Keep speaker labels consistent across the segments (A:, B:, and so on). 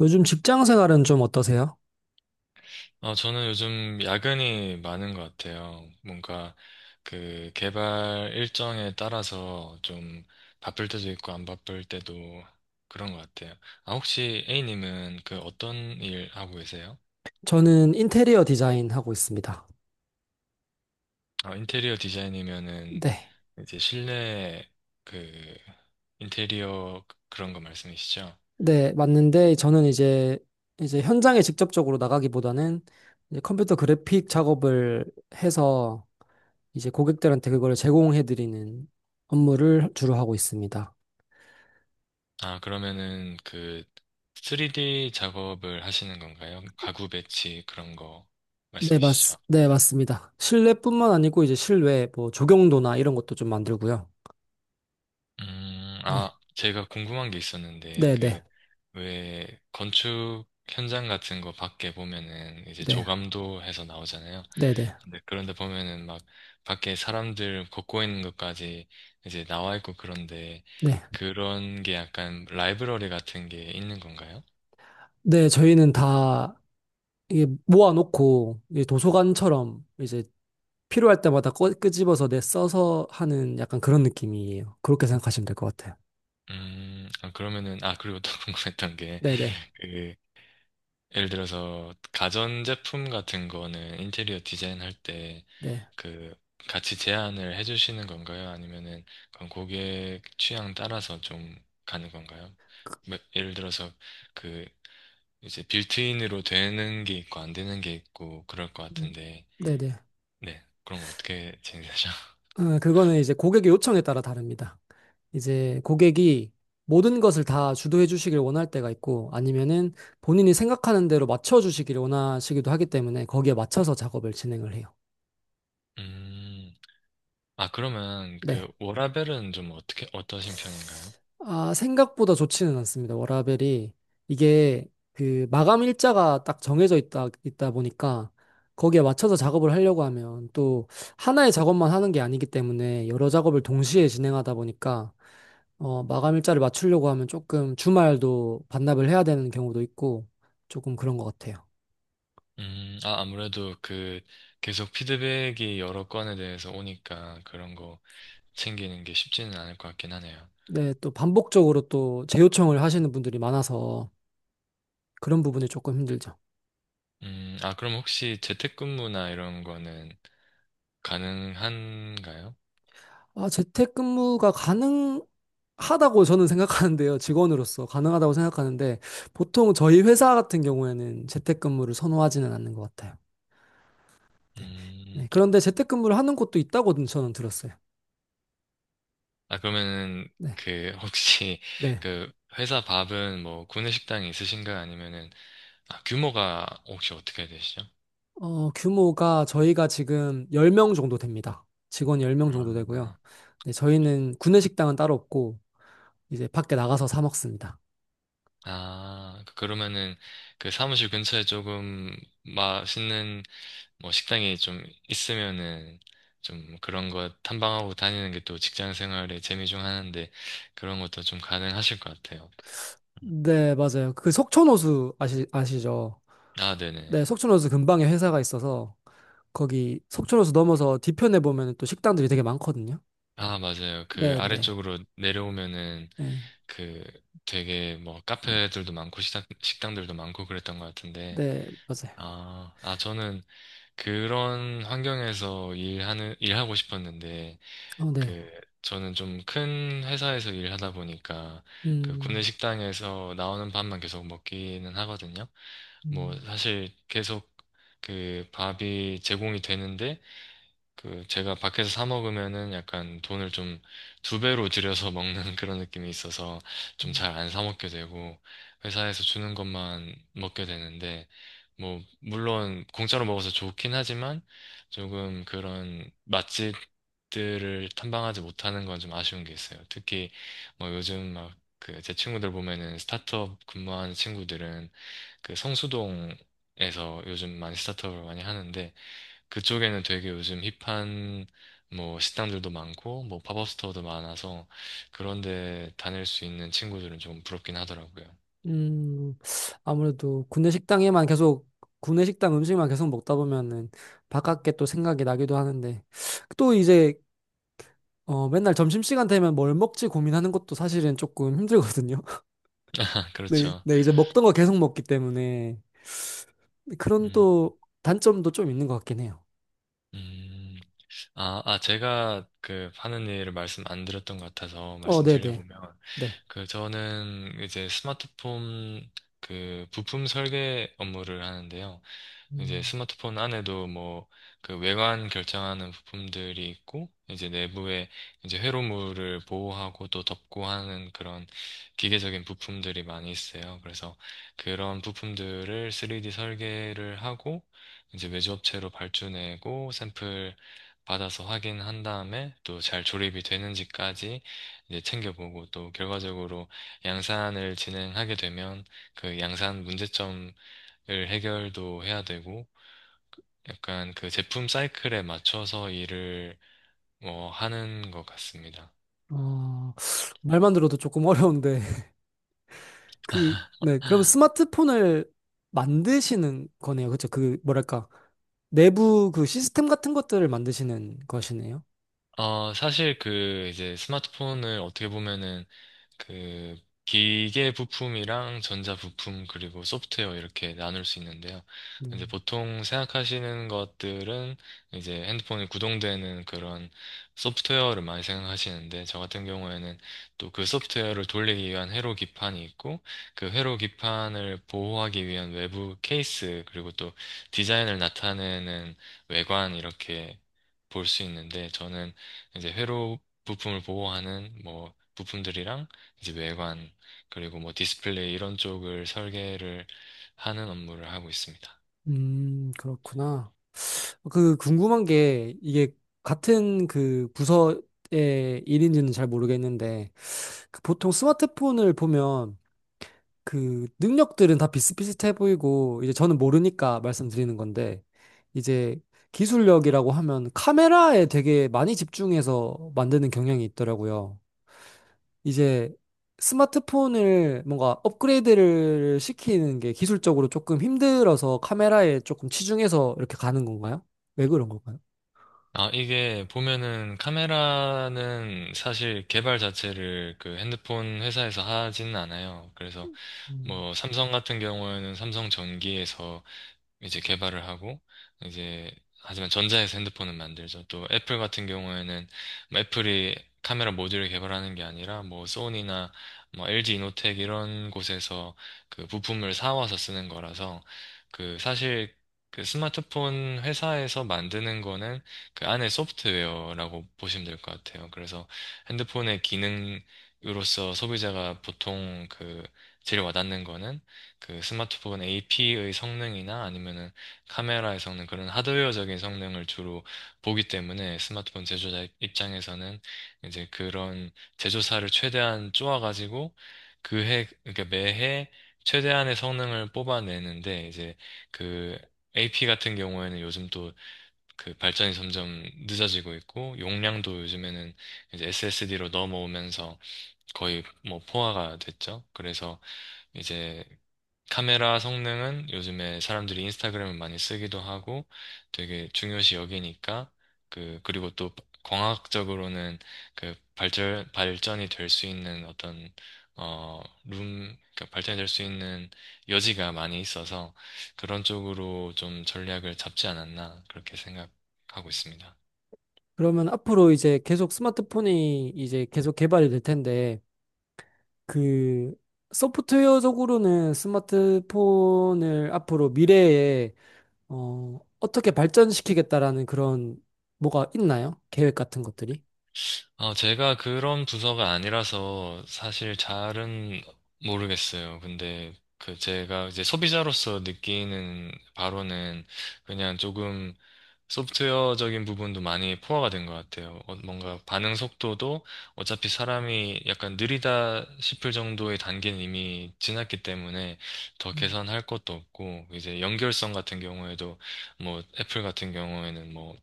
A: 요즘 직장 생활은 좀 어떠세요?
B: 어, 저는 요즘 야근이 많은 것 같아요. 뭔가 그 개발 일정에 따라서 좀 바쁠 때도 있고 안 바쁠 때도 그런 것 같아요. 아, 혹시 A님은 그 어떤 일 하고 계세요?
A: 저는 인테리어 디자인 하고 있습니다.
B: 어, 인테리어 디자인이면은
A: 네.
B: 이제 실내 그 인테리어 그런 거 말씀이시죠?
A: 네, 맞는데 저는 이제 현장에 직접적으로 나가기보다는 이제 컴퓨터 그래픽 작업을 해서 이제 고객들한테 그걸 제공해 드리는 업무를 주로 하고 있습니다.
B: 아, 그러면은 그 3D 작업을 하시는 건가요? 가구 배치 그런 거
A: 네, 맞,
B: 말씀이시죠?
A: 네, 맞습니다. 실내뿐만 아니고 이제 실외 뭐 조경도나 이런 것도 좀 만들고요. 네.
B: 아, 제가 궁금한 게 있었는데,
A: 네,
B: 그,
A: 네.
B: 왜, 건축 현장 같은 거 밖에 보면은, 이제
A: 네.
B: 조감도 해서 나오잖아요.
A: 네, 네.
B: 근데 그런데 보면은 막, 밖에 사람들 걷고 있는 것까지 이제 나와 있고 그런데,
A: 네.
B: 그런 게 약간 라이브러리 같은 게 있는 건가요?
A: 네, 저희는 다 이게 모아놓고 이제 도서관처럼 이제 필요할 때마다 끄집어서 내 써서 하는 약간 그런 느낌이에요. 그렇게 생각하시면 될 것 같아요.
B: 아, 그러면은, 아, 그리고 또 궁금했던 게,
A: 네네.
B: 그, 예를 들어서, 가전제품 같은 거는 인테리어 디자인 할때
A: 네.
B: 그 같이 제안을 해주시는 건가요? 아니면은 그건 고객 취향 따라서 좀 가는 건가요?
A: 그-
B: 뭐, 예를 들어서 그 이제 빌트인으로 되는 게 있고 안 되는 게 있고 그럴 것
A: 음,
B: 같은데.
A: 네네.
B: 네, 그럼 어떻게 진행되죠?
A: 그거는 이제 고객의 요청에 따라 다릅니다. 이제 고객이 모든 것을 다 주도해 주시길 원할 때가 있고 아니면은 본인이 생각하는 대로 맞춰 주시길 원하시기도 하기 때문에 거기에 맞춰서 작업을 진행을 해요.
B: 음, 아, 그러면 그
A: 네.
B: 워라벨은 좀 어떻게 어떠신 편인가요?
A: 아, 생각보다 좋지는 않습니다. 워라벨이 이게 그 마감 일자가 딱 정해져 있다 보니까 거기에 맞춰서 작업을 하려고 하면 또 하나의 작업만 하는 게 아니기 때문에 여러 작업을 동시에 진행하다 보니까 마감 일자를 맞추려고 하면 조금 주말도 반납을 해야 되는 경우도 있고 조금 그런 것 같아요.
B: 아, 아무래도 그 계속 피드백이 여러 건에 대해서 오니까 그런 거 챙기는 게 쉽지는 않을 것 같긴 하네요.
A: 네, 또 반복적으로 또 재요청을 하시는 분들이 많아서 그런 부분이 조금 힘들죠.
B: 아, 그럼 혹시 재택근무나 이런 거는 가능한가요?
A: 아, 재택근무가 가능 하다고 저는 생각하는데요. 직원으로서 가능하다고 생각하는데 보통 저희 회사 같은 경우에는 재택근무를 선호하지는 않는 것 같아요. 네. 네.
B: 음,
A: 그런데 재택근무를 하는 곳도 있다고 저는 들었어요.
B: 아, 그러면은,
A: 네.
B: 그, 혹시,
A: 네.
B: 그, 회사 밥은 뭐, 구내식당이 있으신가요? 아니면은, 아, 규모가 혹시 어떻게 되시죠?
A: 어, 규모가 저희가 지금 10명 정도 됩니다. 직원 10명 정도 되고요.
B: 아,
A: 네, 저희는 구내식당은 따로 없고 이제 밖에 나가서 사 먹습니다.
B: 아, 그러면은, 그 사무실 근처에 조금 맛있는, 뭐, 식당이 좀 있으면은, 좀 그런 거 탐방하고 다니는 게 또 직장 생활의 재미 중 하나인데, 그런 것도 좀 가능하실 것 같아요.
A: 네, 맞아요. 그 석촌호수 아시죠?
B: 아, 네네.
A: 네, 석촌호수 근방에 회사가 있어서 거기 속초로서 넘어서 뒤편에 보면 또 식당들이 되게 많거든요.
B: 아, 맞아요. 그
A: 네, 네,
B: 아래쪽으로 내려오면은
A: 네,
B: 그 되게 뭐 카페들도 많고 식당들도 많고 그랬던 것 같은데.
A: 네, 맞아요.
B: 아, 아, 저는 그런 환경에서 일하고 싶었는데,
A: 어, 네.
B: 그 저는 좀 큰 회사에서 일하다 보니까 그 구내
A: 음,
B: 식당에서 나오는 밥만 계속 먹기는 하거든요. 뭐
A: 음,
B: 사실 계속 그 밥이 제공이 되는데, 그 제가 밖에서 사 먹으면은 약간 돈을 좀 두 배로 들여서 먹는 그런 느낌이 있어서 좀
A: 음,
B: 잘 안 사 먹게 되고 회사에서 주는 것만 먹게 되는데, 뭐 물론 공짜로 먹어서 좋긴 하지만 조금 그런 맛집들을 탐방하지 못하는 건 좀 아쉬운 게 있어요. 특히 뭐 요즘 막 그 제 친구들 보면은 스타트업 근무하는 친구들은 그 성수동에서 요즘 많이 스타트업을 많이 하는데, 그쪽에는 되게 요즘 힙한 뭐 식당들도 많고 뭐 팝업 스토어도 많아서 그런 데 다닐 수 있는 친구들은 좀 부럽긴 하더라고요.
A: 음. 아무래도 군내 식당 음식만 계속 먹다 보면은 바깥게 또 생각이 나기도 하는데 또 이제 맨날 점심시간 되면 뭘 먹지 고민하는 것도 사실은 조금 힘들거든요. 네,
B: 그렇죠.
A: 네, 이제 먹던 거 계속 먹기 때문에 그런
B: 음,
A: 또 단점도 좀 있는 것 같긴 해요.
B: 음. 아, 아, 제가 그 하는 일을 말씀 안 드렸던 것 같아서
A: 어, 네, 네,
B: 말씀드려보면,
A: 네.
B: 그 저는 이제 스마트폰 그 부품 설계 업무를 하는데요. 이제
A: 음.
B: 스마트폰 안에도 뭐 그 외관 결정하는 부품들이 있고 이제 내부에 이제 회로물을 보호하고 또 덮고 하는 그런 기계적인 부품들이 많이 있어요. 그래서 그런 부품들을 3D 설계를 하고 이제 외주업체로 발주내고 샘플 받아서 확인한 다음에 또 잘 조립이 되는지까지 이제 챙겨보고, 또 결과적으로 양산을 진행하게 되면 그 양산 문제점을 해결도 해야 되고, 약간 그 제품 사이클에 맞춰서 일을 뭐 하는 것 같습니다.
A: 어, 말만 들어도 조금 어려운데. 그, 네. 그럼 스마트폰을 만드시는 거네요. 그쵸? 그, 뭐랄까. 내부 그 시스템 같은 것들을 만드시는 것이네요.
B: 어, 사실 그 이제 스마트폰을 어떻게 보면은 그 기계 부품이랑 전자 부품 그리고 소프트웨어 이렇게 나눌 수 있는데요. 이제
A: 음,
B: 보통 생각하시는 것들은 이제 핸드폰이 구동되는 그런 소프트웨어를 많이 생각하시는데, 저 같은 경우에는 또 그 소프트웨어를 돌리기 위한 회로 기판이 있고 그 회로 기판을 보호하기 위한 외부 케이스 그리고 또 디자인을 나타내는 외관 이렇게 볼 수 있는데, 저는 이제 회로 부품을 보호하는 뭐 부품들이랑 이제 외관 그리고 뭐 디스플레이 이런 쪽을 설계를 하는 업무를 하고 있습니다.
A: 그렇구나. 그 궁금한 게 이게 같은 그 부서의 일인지는 잘 모르겠는데 그 보통 스마트폰을 보면 그 능력들은 다 비슷비슷해 보이고 이제 저는 모르니까 말씀드리는 건데 이제 기술력이라고 하면 카메라에 되게 많이 집중해서 만드는 경향이 있더라고요. 이제 스마트폰을 뭔가 업그레이드를 시키는 게 기술적으로 조금 힘들어서 카메라에 조금 치중해서 이렇게 가는 건가요? 왜 그런 걸까요?
B: 아, 이게 보면은 카메라는 사실 개발 자체를 그 핸드폰 회사에서 하지는 않아요. 그래서
A: 음.
B: 뭐 삼성 같은 경우에는 삼성 전기에서 이제 개발을 하고 이제 하지만 전자에서 핸드폰은 만들죠. 또 애플 같은 경우에는 뭐 애플이 카메라 모듈을 개발하는 게 아니라 뭐 소니나 뭐 LG 이노텍 이런 곳에서 그 부품을 사와서 쓰는 거라서 그 사실 그 스마트폰 회사에서 만드는 거는 그 안에 소프트웨어라고 보시면 될 것 같아요. 그래서 핸드폰의 기능으로서 소비자가 보통 그 제일 와닿는 거는 그 스마트폰 AP의 성능이나 아니면은 카메라의 성능, 그런 하드웨어적인 성능을 주로 보기 때문에, 스마트폰 제조자 입장에서는 이제 그런 제조사를 최대한 쪼아가지고 그러니까 매해 최대한의 성능을 뽑아내는데, 이제 그 AP 같은 경우에는 요즘 또 그 발전이 점점 늦어지고 있고, 용량도 요즘에는 이제 SSD로 넘어오면서 거의 뭐 포화가 됐죠. 그래서 이제 카메라 성능은 요즘에 사람들이 인스타그램을 많이 쓰기도 하고 되게 중요시 여기니까, 그 그리고 또 광학적으로는 그 발전이 될 수 있는 어떤, 어룸 그러니까 발전이 될 수 있는 여지가 많이 있어서 그런 쪽으로 좀 전략을 잡지 않았나 그렇게 생각하고 있습니다.
A: 그러면 앞으로 이제 계속 스마트폰이 이제 계속 개발이 될 텐데 그 소프트웨어적으로는 스마트폰을 앞으로 미래에 어떻게 발전시키겠다라는 그런 뭐가 있나요? 계획 같은 것들이?
B: 아, 제가 그런 부서가 아니라서 사실 잘은 모르겠어요. 근데 그 제가 이제 소비자로서 느끼는 바로는 그냥 조금 소프트웨어적인 부분도 많이 포화가 된 것 같아요. 어, 뭔가 반응 속도도 어차피 사람이 약간 느리다 싶을 정도의 단계는 이미 지났기 때문에 더 개선할 것도 없고, 이제 연결성 같은 경우에도 뭐 애플 같은 경우에는 뭐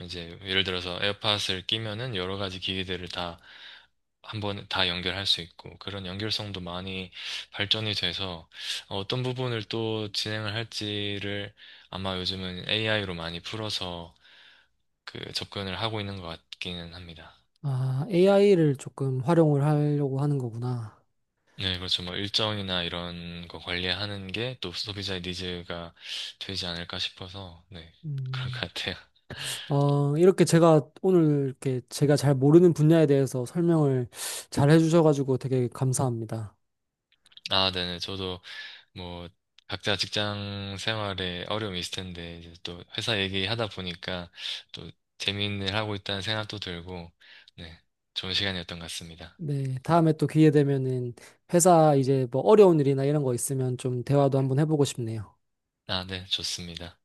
B: 이제 예를 들어서 에어팟을 끼면은 여러 가지 기기들을 다 한번 다 연결할 수 있고 그런 연결성도 많이 발전이 돼서, 어떤 부분을 또 진행을 할지를 아마 요즘은 AI로 많이 풀어서 그 접근을 하고 있는 것 같기는 합니다.
A: 아, AI를 조금 활용을 하려고 하는 거구나.
B: 네, 그렇죠. 뭐 일정이나 이런 거 관리하는 게 또 소비자의 니즈가 되지 않을까 싶어서, 네, 그런 것
A: 음,
B: 같아요.
A: 어, 이렇게 제가 오늘 이렇게 제가 잘 모르는 분야에 대해서 설명을 잘 해주셔가지고 되게 감사합니다.
B: 아, 네네. 저도 뭐 각자 직장 생활에 어려움이 있을 텐데 이제 또 회사 얘기하다 보니까 또 재미있는 일 하고 있다는 생각도 들고, 네, 좋은 시간이었던 것 같습니다.
A: 네, 다음에 또 기회 되면은 회사 이제 뭐 어려운 일이나 이런 거 있으면 좀 대화도 한번 해보고 싶네요.
B: 아, 네, 좋습니다.